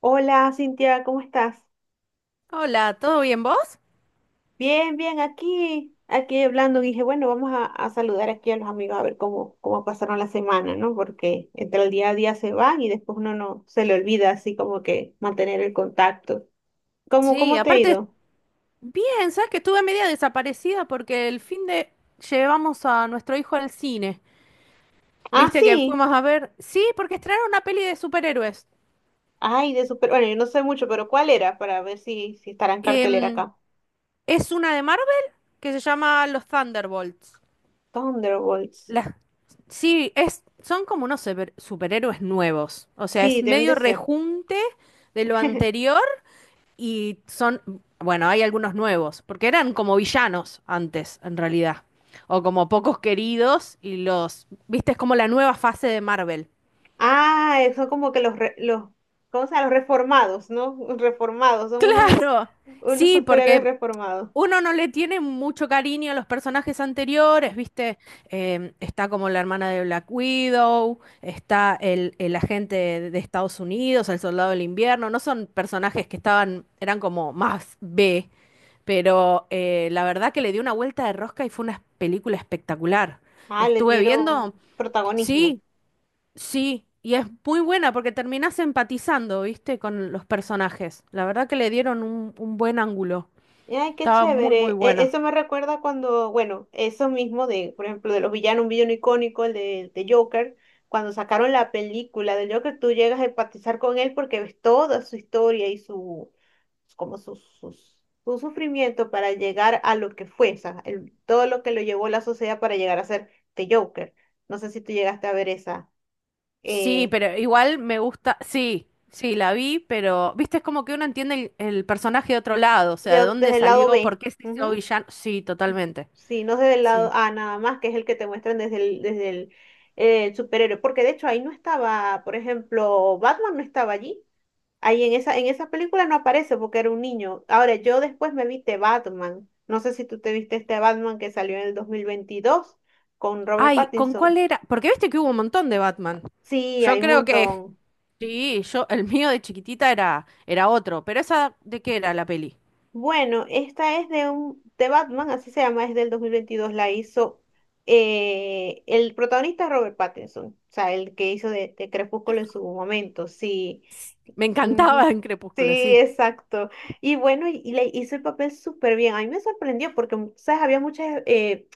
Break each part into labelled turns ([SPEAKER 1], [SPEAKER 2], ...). [SPEAKER 1] Hola, Cintia, ¿cómo estás?
[SPEAKER 2] Hola, ¿todo bien vos?
[SPEAKER 1] Bien, bien, aquí, hablando, dije, bueno, vamos a saludar aquí a los amigos a ver cómo, pasaron la semana, ¿no? Porque entre el día a día se van y después uno no se le olvida así como que mantener el contacto. ¿Cómo,
[SPEAKER 2] Sí,
[SPEAKER 1] te ha
[SPEAKER 2] aparte,
[SPEAKER 1] ido?
[SPEAKER 2] bien, sabes que estuve media desaparecida porque el fin de llevamos a nuestro hijo al cine.
[SPEAKER 1] Ah,
[SPEAKER 2] ¿Viste que
[SPEAKER 1] sí.
[SPEAKER 2] fuimos a ver? Sí, porque estrenaron una peli de superhéroes.
[SPEAKER 1] Ay, de super, bueno, yo no sé mucho, pero ¿cuál era? Para ver si, estará en cartelera
[SPEAKER 2] Em,
[SPEAKER 1] acá.
[SPEAKER 2] es una de Marvel que se llama Los Thunderbolts.
[SPEAKER 1] Thunderbolts.
[SPEAKER 2] La- Sí, es, son como unos superhéroes nuevos. O sea,
[SPEAKER 1] Sí,
[SPEAKER 2] es
[SPEAKER 1] deben
[SPEAKER 2] medio
[SPEAKER 1] de ser.
[SPEAKER 2] rejunte de lo anterior. Y son, bueno, hay algunos nuevos, porque eran como villanos antes, en realidad. O como pocos queridos y los, viste, es como la nueva fase de Marvel.
[SPEAKER 1] Ah, son como que los, los, ¿cómo se llama? Los reformados, ¿no? Reformados, son unos,
[SPEAKER 2] Claro, sí,
[SPEAKER 1] superhéroes
[SPEAKER 2] porque
[SPEAKER 1] reformados.
[SPEAKER 2] uno no le tiene mucho cariño a los personajes anteriores, viste. Está como la hermana de Black Widow, está el agente de Estados Unidos, el soldado del invierno, no son personajes que estaban, eran como más B. Pero la verdad que le dio una vuelta de rosca y fue una película espectacular.
[SPEAKER 1] Ah, le
[SPEAKER 2] Estuve
[SPEAKER 1] dieron
[SPEAKER 2] viendo,
[SPEAKER 1] protagonismo.
[SPEAKER 2] sí, sí, y es muy buena porque terminás empatizando, ¿viste? Con los personajes. La verdad que le dieron un buen ángulo.
[SPEAKER 1] Ay, qué
[SPEAKER 2] Estaba muy, muy
[SPEAKER 1] chévere.
[SPEAKER 2] buena.
[SPEAKER 1] Eso me recuerda cuando, bueno, eso mismo de, por ejemplo, de los villanos, un villano icónico, el de, Joker, cuando sacaron la película de Joker, tú llegas a empatizar con él porque ves toda su historia y su, como sus, su sufrimiento para llegar a lo que fue, o sea, todo lo que lo llevó la sociedad para llegar a ser The Joker. No sé si tú llegaste a ver esa,
[SPEAKER 2] Sí,
[SPEAKER 1] eh,
[SPEAKER 2] pero igual me gusta, sí, sí, la vi, pero, ¿viste? Es como que uno entiende el personaje de otro lado, o
[SPEAKER 1] de
[SPEAKER 2] sea, de dónde
[SPEAKER 1] desde el lado
[SPEAKER 2] salió, por
[SPEAKER 1] B.
[SPEAKER 2] qué se hizo
[SPEAKER 1] Ujú.
[SPEAKER 2] villano. Sí, totalmente.
[SPEAKER 1] Sí, no desde el lado
[SPEAKER 2] Sí.
[SPEAKER 1] a nada más, que es el que te muestran desde el, desde el el superhéroe. Porque de hecho ahí no estaba, por ejemplo, Batman no estaba allí. Ahí en esa película no aparece porque era un niño. Ahora, yo después me vi The Batman. No sé si tú te viste este Batman que salió en el 2022 con Robert
[SPEAKER 2] Ay, ¿con cuál
[SPEAKER 1] Pattinson.
[SPEAKER 2] era? Porque viste que hubo un montón de Batman.
[SPEAKER 1] Sí,
[SPEAKER 2] Yo
[SPEAKER 1] hay un
[SPEAKER 2] creo que
[SPEAKER 1] montón.
[SPEAKER 2] sí, yo, el mío de chiquitita era, era otro, pero esa, ¿de qué era la peli?
[SPEAKER 1] Bueno, esta es de un de Batman, así se llama, es del 2022, la hizo el protagonista es Robert Pattinson, o sea, el que hizo de, Crepúsculo en su momento, sí,
[SPEAKER 2] Me encantaba
[SPEAKER 1] ujú,
[SPEAKER 2] en
[SPEAKER 1] sí,
[SPEAKER 2] Crepúsculo, sí.
[SPEAKER 1] exacto. Y bueno, y, le hizo el papel súper bien. A mí me sorprendió porque, sabes, había muchas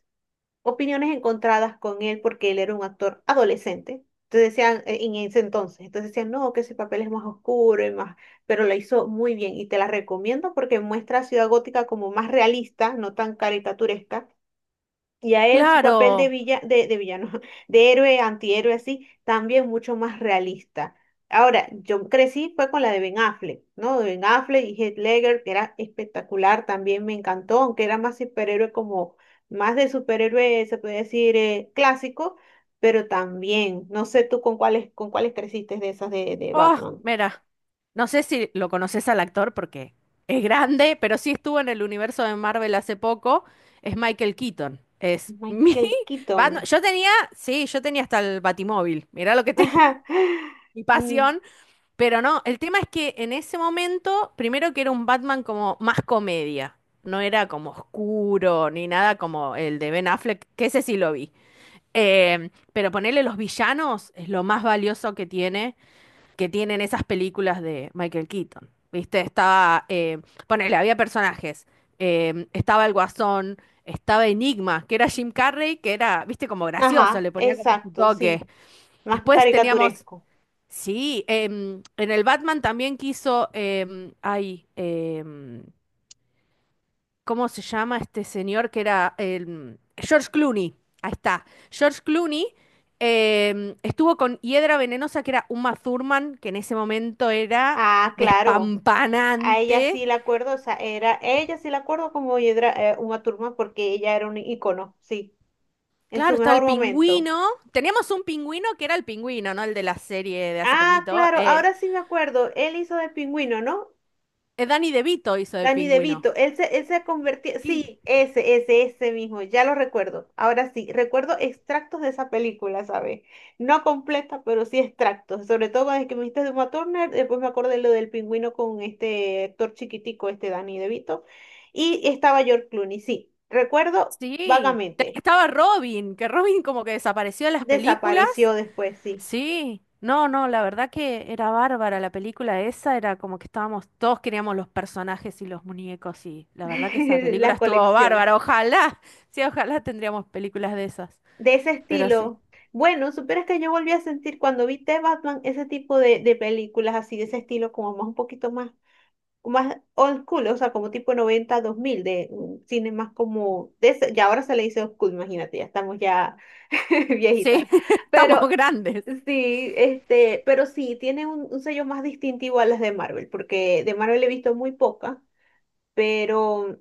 [SPEAKER 1] opiniones encontradas con él porque él era un actor adolescente. Entonces decían, entonces decían, no, que ese papel es más oscuro y más, pero lo hizo muy bien y te la recomiendo porque muestra a Ciudad Gótica como más realista, no tan caricaturesca, y a él su papel de,
[SPEAKER 2] Claro.
[SPEAKER 1] villa, de, villano, de héroe, antihéroe, así, también mucho más realista. Ahora, yo crecí fue con la de Ben Affleck, ¿no? De Ben Affleck y Heath Ledger, que era espectacular, también me encantó, aunque era más superhéroe como, más de superhéroe, se puede decir, clásico, pero también, no sé tú con cuáles, creciste de esas de,
[SPEAKER 2] Oh,
[SPEAKER 1] Batman.
[SPEAKER 2] mira. No sé si lo conoces al actor porque es grande, pero sí estuvo en el universo de Marvel hace poco. Es Michael Keaton. Es mi
[SPEAKER 1] Michael
[SPEAKER 2] Batman.
[SPEAKER 1] Keaton.
[SPEAKER 2] Yo tenía, sí, yo tenía hasta el Batimóvil. Mirá lo que tengo.
[SPEAKER 1] Ajá,
[SPEAKER 2] Mi
[SPEAKER 1] mm,
[SPEAKER 2] pasión. Pero no, el tema es que en ese momento, primero que era un Batman como más comedia, no era como oscuro ni nada como el de Ben Affleck, que ese sí lo vi. Pero ponerle los villanos es lo más valioso que tienen esas películas de Michael Keaton. ¿Viste? Estaba, ponele, había personajes. Estaba el Guasón, estaba Enigma, que era Jim Carrey, que era, viste, como gracioso,
[SPEAKER 1] ajá,
[SPEAKER 2] le ponía como su
[SPEAKER 1] exacto,
[SPEAKER 2] toque.
[SPEAKER 1] sí, más
[SPEAKER 2] Después teníamos
[SPEAKER 1] caricaturesco.
[SPEAKER 2] sí, en el Batman también quiso, ay, ¿cómo se llama este señor que era George Clooney? Ahí está. George Clooney estuvo con Hiedra Venenosa, que era Uma Thurman, que en ese momento era
[SPEAKER 1] Ah, claro. A ella
[SPEAKER 2] despampanante.
[SPEAKER 1] sí la acuerdo, o sea, era, ella sí la acuerdo como Yedra, Uma Thurman porque ella era un icono, sí, en
[SPEAKER 2] Claro,
[SPEAKER 1] su
[SPEAKER 2] está el
[SPEAKER 1] mejor momento.
[SPEAKER 2] pingüino. Teníamos un pingüino que era el pingüino, ¿no? El de la serie de hace
[SPEAKER 1] Ah,
[SPEAKER 2] poquito.
[SPEAKER 1] claro, ahora sí me acuerdo, él hizo de pingüino, ¿no?
[SPEAKER 2] Danny DeVito hizo de
[SPEAKER 1] Danny
[SPEAKER 2] pingüino.
[SPEAKER 1] DeVito, él se ha sí, ese, mismo, ya lo recuerdo. Ahora sí, recuerdo extractos de esa película, ¿sabes? No completa, pero sí extractos. Sobre todo desde que me dijiste de Uma Turner, después me acordé lo del pingüino con este actor chiquitico, este Danny DeVito. Y estaba George Clooney, sí, recuerdo
[SPEAKER 2] Sí, de ahí
[SPEAKER 1] vagamente.
[SPEAKER 2] estaba Robin, que Robin como que desapareció de las películas.
[SPEAKER 1] Desapareció después, sí,
[SPEAKER 2] Sí, no, no, la verdad que era bárbara la película esa, era como que estábamos, todos queríamos los personajes y los muñecos y la verdad que esa película
[SPEAKER 1] la
[SPEAKER 2] estuvo
[SPEAKER 1] colección
[SPEAKER 2] bárbara, ojalá, sí, ojalá tendríamos películas de esas,
[SPEAKER 1] de ese
[SPEAKER 2] pero sí,
[SPEAKER 1] estilo. Bueno, supieras que yo volví a sentir cuando vi The Batman ese tipo de, películas así, de ese estilo, como más un poquito más, más old school, o sea, como tipo noventa dos mil, de un cine más como, de ya ahora se le dice old school, imagínate, ya estamos ya
[SPEAKER 2] sí,
[SPEAKER 1] viejitas.
[SPEAKER 2] estamos
[SPEAKER 1] Pero
[SPEAKER 2] grandes.
[SPEAKER 1] sí, este, pero sí, tiene un, sello más distintivo a las de Marvel, porque de Marvel he visto muy poca, pero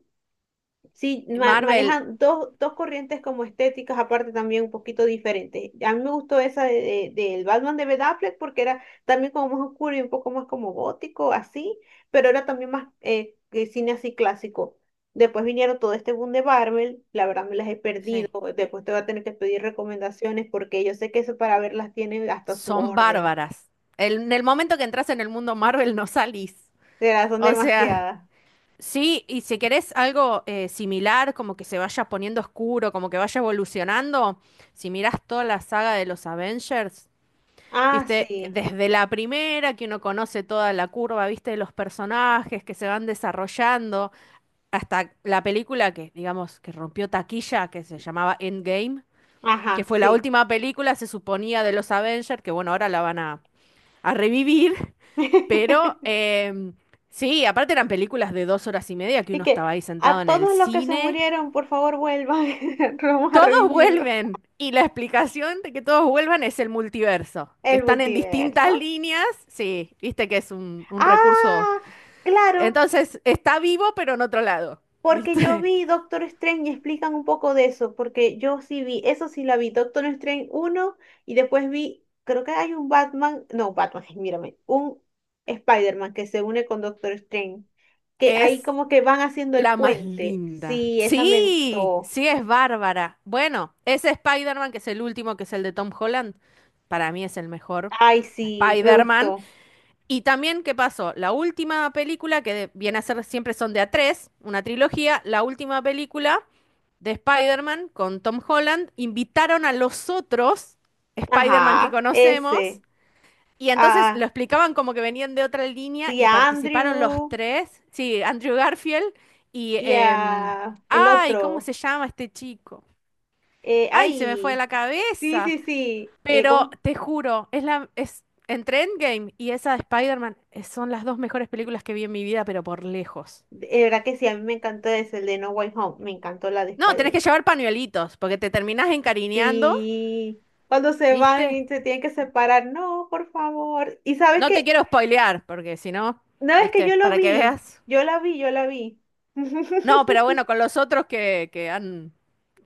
[SPEAKER 1] sí,
[SPEAKER 2] Marvel,
[SPEAKER 1] manejan dos, corrientes como estéticas, aparte también un poquito diferentes. A mí me gustó esa de, del Batman de Ben Affleck porque era también como más oscuro y un poco más como gótico, así, pero era también más que cine así clásico. Después vinieron todo este boom de Marvel, la verdad me las he perdido,
[SPEAKER 2] sí,
[SPEAKER 1] después te voy a tener que pedir recomendaciones porque yo sé que eso para verlas tiene hasta su
[SPEAKER 2] son
[SPEAKER 1] orden.
[SPEAKER 2] bárbaras. En el momento que entras en el mundo Marvel no salís,
[SPEAKER 1] De sea, son
[SPEAKER 2] o sea...
[SPEAKER 1] demasiadas.
[SPEAKER 2] Sí, y si querés algo similar, como que se vaya poniendo oscuro, como que vaya evolucionando, si mirás toda la saga de los Avengers,
[SPEAKER 1] Ah,
[SPEAKER 2] viste,
[SPEAKER 1] sí,
[SPEAKER 2] desde la primera que uno conoce toda la curva, viste, de los personajes que se van desarrollando, hasta la película que, digamos, que rompió taquilla, que se llamaba Endgame, que
[SPEAKER 1] ajá,
[SPEAKER 2] fue la
[SPEAKER 1] sí.
[SPEAKER 2] última película, se suponía, de los Avengers, que bueno, ahora la van a revivir. Pero sí, aparte eran películas de 2 horas y media que
[SPEAKER 1] Y
[SPEAKER 2] uno
[SPEAKER 1] que
[SPEAKER 2] estaba ahí sentado
[SPEAKER 1] a
[SPEAKER 2] en el
[SPEAKER 1] todos los que se
[SPEAKER 2] cine.
[SPEAKER 1] murieron, por favor, vuelvan. Vamos a
[SPEAKER 2] Todos
[SPEAKER 1] revivirlo.
[SPEAKER 2] vuelven. Y la explicación de que todos vuelvan es el multiverso. Que
[SPEAKER 1] El
[SPEAKER 2] están en distintas
[SPEAKER 1] multiverso.
[SPEAKER 2] líneas. Sí, viste que es un recurso.
[SPEAKER 1] Ah, claro,
[SPEAKER 2] Entonces, está vivo, pero en otro lado.
[SPEAKER 1] porque yo
[SPEAKER 2] ¿Viste?
[SPEAKER 1] vi Doctor Strange y explican un poco de eso, porque yo sí vi, eso sí la vi, Doctor Strange uno, y después vi, creo que hay un Batman, no, Batman, mírame, un Spider-Man que se une con Doctor Strange, que ahí
[SPEAKER 2] Es
[SPEAKER 1] como que van haciendo el
[SPEAKER 2] la más
[SPEAKER 1] puente.
[SPEAKER 2] linda.
[SPEAKER 1] Sí, esa me
[SPEAKER 2] Sí,
[SPEAKER 1] gustó.
[SPEAKER 2] sí, es bárbara. Bueno, ese Spider-Man, que es el último, que es el de Tom Holland, para mí es el mejor.
[SPEAKER 1] Ay, sí, me
[SPEAKER 2] Spider-Man.
[SPEAKER 1] gustó.
[SPEAKER 2] Y también, ¿qué pasó? La última película, que viene a ser siempre son de a tres, una trilogía, la última película de Spider-Man con Tom Holland, invitaron a los otros Spider-Man que
[SPEAKER 1] Ajá,
[SPEAKER 2] conocemos
[SPEAKER 1] ese.
[SPEAKER 2] y entonces lo
[SPEAKER 1] Ah,
[SPEAKER 2] explicaban como que venían de otra línea
[SPEAKER 1] sí,
[SPEAKER 2] y
[SPEAKER 1] a
[SPEAKER 2] participaron los
[SPEAKER 1] Andrew
[SPEAKER 2] tres, sí, Andrew Garfield y...
[SPEAKER 1] y a el
[SPEAKER 2] ay, ¿cómo
[SPEAKER 1] otro.
[SPEAKER 2] se llama este chico? Ay, se me fue de
[SPEAKER 1] Ay,
[SPEAKER 2] la
[SPEAKER 1] sí,
[SPEAKER 2] cabeza.
[SPEAKER 1] sí, sí.
[SPEAKER 2] Pero
[SPEAKER 1] ¿Cómo?
[SPEAKER 2] te juro, es la, es entre Endgame y esa de Spider-Man, son las dos mejores películas que vi en mi vida, pero por lejos.
[SPEAKER 1] De verdad que sí, a mí me encantó ese, el de No Way Home. Me encantó la de
[SPEAKER 2] No, tenés que
[SPEAKER 1] Spider-Man.
[SPEAKER 2] llevar pañuelitos, porque te terminás encariñando,
[SPEAKER 1] Sí, cuando se
[SPEAKER 2] ¿viste?
[SPEAKER 1] van y se tienen que separar. No, por favor. Y sabes
[SPEAKER 2] No te
[SPEAKER 1] que,
[SPEAKER 2] quiero spoilear, porque si no,
[SPEAKER 1] no, es que yo
[SPEAKER 2] ¿viste?
[SPEAKER 1] lo
[SPEAKER 2] Para que
[SPEAKER 1] vi.
[SPEAKER 2] veas.
[SPEAKER 1] Yo la vi, yo la vi.
[SPEAKER 2] No, pero bueno, con los otros que han,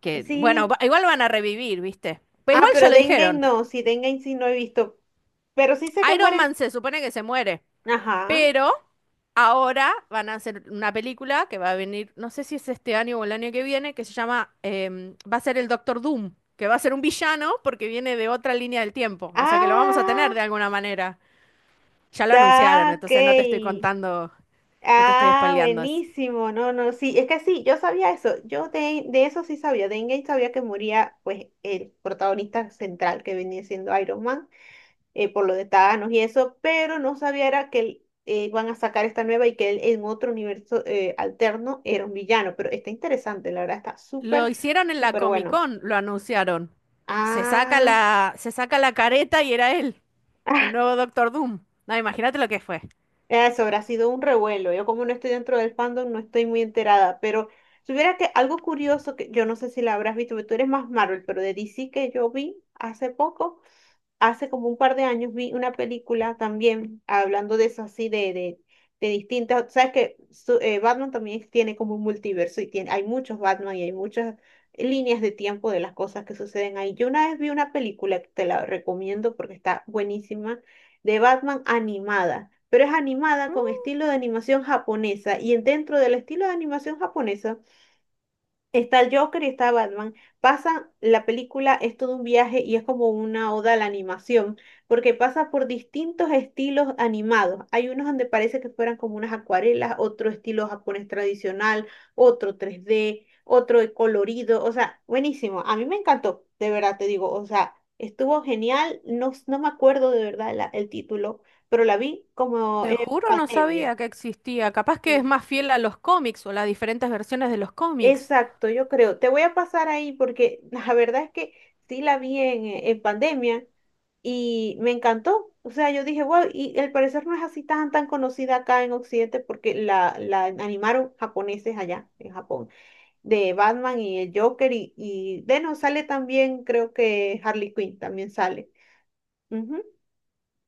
[SPEAKER 2] que, bueno,
[SPEAKER 1] Sí.
[SPEAKER 2] igual van a revivir, ¿viste? Pero
[SPEAKER 1] Ah,
[SPEAKER 2] igual ya
[SPEAKER 1] pero
[SPEAKER 2] lo
[SPEAKER 1] de Endgame
[SPEAKER 2] dijeron.
[SPEAKER 1] no. Sí, de Endgame sí no he visto. Pero sí sé que
[SPEAKER 2] Iron
[SPEAKER 1] mueren.
[SPEAKER 2] Man se supone que se muere.
[SPEAKER 1] Ajá.
[SPEAKER 2] Pero ahora van a hacer una película que va a venir, no sé si es este año o el año que viene, que se llama, va a ser el Doctor Doom, que va a ser un villano porque viene de otra línea del tiempo. O sea que lo vamos a
[SPEAKER 1] Ah.
[SPEAKER 2] tener de alguna manera. Ya lo anunciaron,
[SPEAKER 1] Ah, ok.
[SPEAKER 2] entonces no te estoy contando, no te estoy
[SPEAKER 1] Ah,
[SPEAKER 2] spoileando eso.
[SPEAKER 1] buenísimo. No, no, sí, es que sí, yo sabía eso. Yo de eso sí sabía. De Endgame sabía que moría, pues, el protagonista central que venía siendo Iron Man, por lo de Thanos y eso, pero no sabía era que él, van a sacar esta nueva y que él en otro universo alterno era un villano. Pero está interesante, la verdad, está
[SPEAKER 2] Lo
[SPEAKER 1] súper,
[SPEAKER 2] hicieron en la
[SPEAKER 1] súper
[SPEAKER 2] Comic
[SPEAKER 1] bueno.
[SPEAKER 2] Con, lo anunciaron.
[SPEAKER 1] Ah.
[SPEAKER 2] Se saca la careta y era él, el nuevo Doctor Doom. No, imagínate lo que fue.
[SPEAKER 1] Ah, eso habrá sido un revuelo. Yo como no estoy dentro del fandom, no estoy muy enterada, pero si hubiera que algo curioso que yo no sé si la habrás visto, porque tú eres más Marvel, pero de DC que yo vi hace poco, hace como un par de años, vi una película también hablando de eso así, de, de distintas, sabes que Batman también tiene como un multiverso y tiene, hay muchos Batman y hay muchas líneas de tiempo de las cosas que suceden ahí. Yo una vez vi una película que te la recomiendo porque está buenísima, de Batman animada, pero es animada con estilo de animación japonesa y dentro del estilo de animación japonesa está el Joker y está Batman. Pasa, la película es todo un viaje y es como una oda a la animación, porque pasa por distintos estilos animados. Hay unos donde parece que fueran como unas acuarelas, otro estilo japonés tradicional, otro 3D, otro de colorido. O sea, buenísimo. A mí me encantó, de verdad te digo. O sea, estuvo genial. No, no me acuerdo de verdad el título, pero la vi como
[SPEAKER 2] Te
[SPEAKER 1] en
[SPEAKER 2] juro, no
[SPEAKER 1] pandemia.
[SPEAKER 2] sabía que existía. Capaz que es
[SPEAKER 1] Sí.
[SPEAKER 2] más fiel a los cómics o las diferentes versiones de los cómics.
[SPEAKER 1] Exacto, yo creo. Te voy a pasar ahí porque la verdad es que sí la vi en, pandemia y me encantó. O sea, yo dije, wow, y al parecer no es así tan, conocida acá en Occidente porque la, animaron japoneses allá en Japón, de Batman y el Joker y de no, sale también, creo que Harley Quinn también sale. Ujú,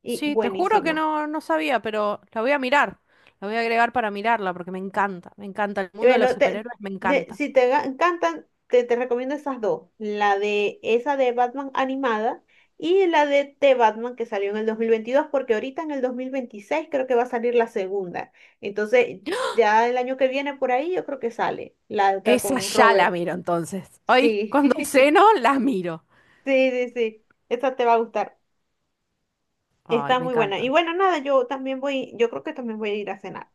[SPEAKER 1] y
[SPEAKER 2] Sí, te juro que
[SPEAKER 1] buenísima.
[SPEAKER 2] no, no sabía, pero la voy a mirar. La voy a agregar para mirarla porque me encanta, me encanta. El
[SPEAKER 1] Y
[SPEAKER 2] mundo de los
[SPEAKER 1] bueno,
[SPEAKER 2] superhéroes me encanta.
[SPEAKER 1] si te encantan, te, recomiendo esas dos. La de esa de Batman animada y la de The Batman que salió en el 2022 porque ahorita en el 2026 creo que va a salir la segunda. Entonces, ya el año que viene por ahí yo creo que sale la otra
[SPEAKER 2] Esa
[SPEAKER 1] con
[SPEAKER 2] ya la
[SPEAKER 1] Robert.
[SPEAKER 2] miro entonces. Hoy,
[SPEAKER 1] Sí,
[SPEAKER 2] cuando
[SPEAKER 1] sí,
[SPEAKER 2] ceno, la miro.
[SPEAKER 1] sí, sí. Esa te va a gustar.
[SPEAKER 2] Ay,
[SPEAKER 1] Está
[SPEAKER 2] me
[SPEAKER 1] muy buena. Y
[SPEAKER 2] encanta.
[SPEAKER 1] bueno, nada, yo también voy, yo creo que también voy a ir a cenar.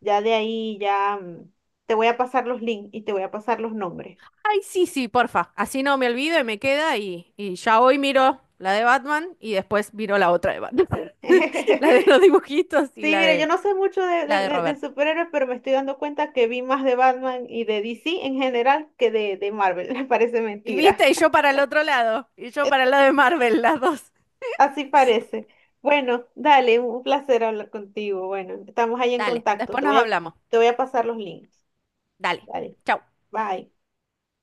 [SPEAKER 1] Ya de ahí, ya te voy a pasar los links y te voy a pasar los nombres.
[SPEAKER 2] Ay, sí, sí, porfa. Así no me olvido y me queda y ya hoy miro la de Batman y después miro la otra de Batman. La de los dibujitos y
[SPEAKER 1] Sí, mira, yo no sé mucho de, de-
[SPEAKER 2] la de
[SPEAKER 1] de- de
[SPEAKER 2] Robert.
[SPEAKER 1] superhéroes, pero me estoy dando cuenta que vi más de Batman y de DC en general que de, Marvel. Parece
[SPEAKER 2] Y
[SPEAKER 1] mentira.
[SPEAKER 2] viste, y yo para el otro lado, y yo para el lado de Marvel, las dos.
[SPEAKER 1] Así parece. Bueno, dale, un placer hablar contigo. Bueno, estamos ahí en
[SPEAKER 2] Dale,
[SPEAKER 1] contacto.
[SPEAKER 2] después nos hablamos.
[SPEAKER 1] Te voy a pasar los links.
[SPEAKER 2] Dale.
[SPEAKER 1] Dale,
[SPEAKER 2] Chau.
[SPEAKER 1] bye.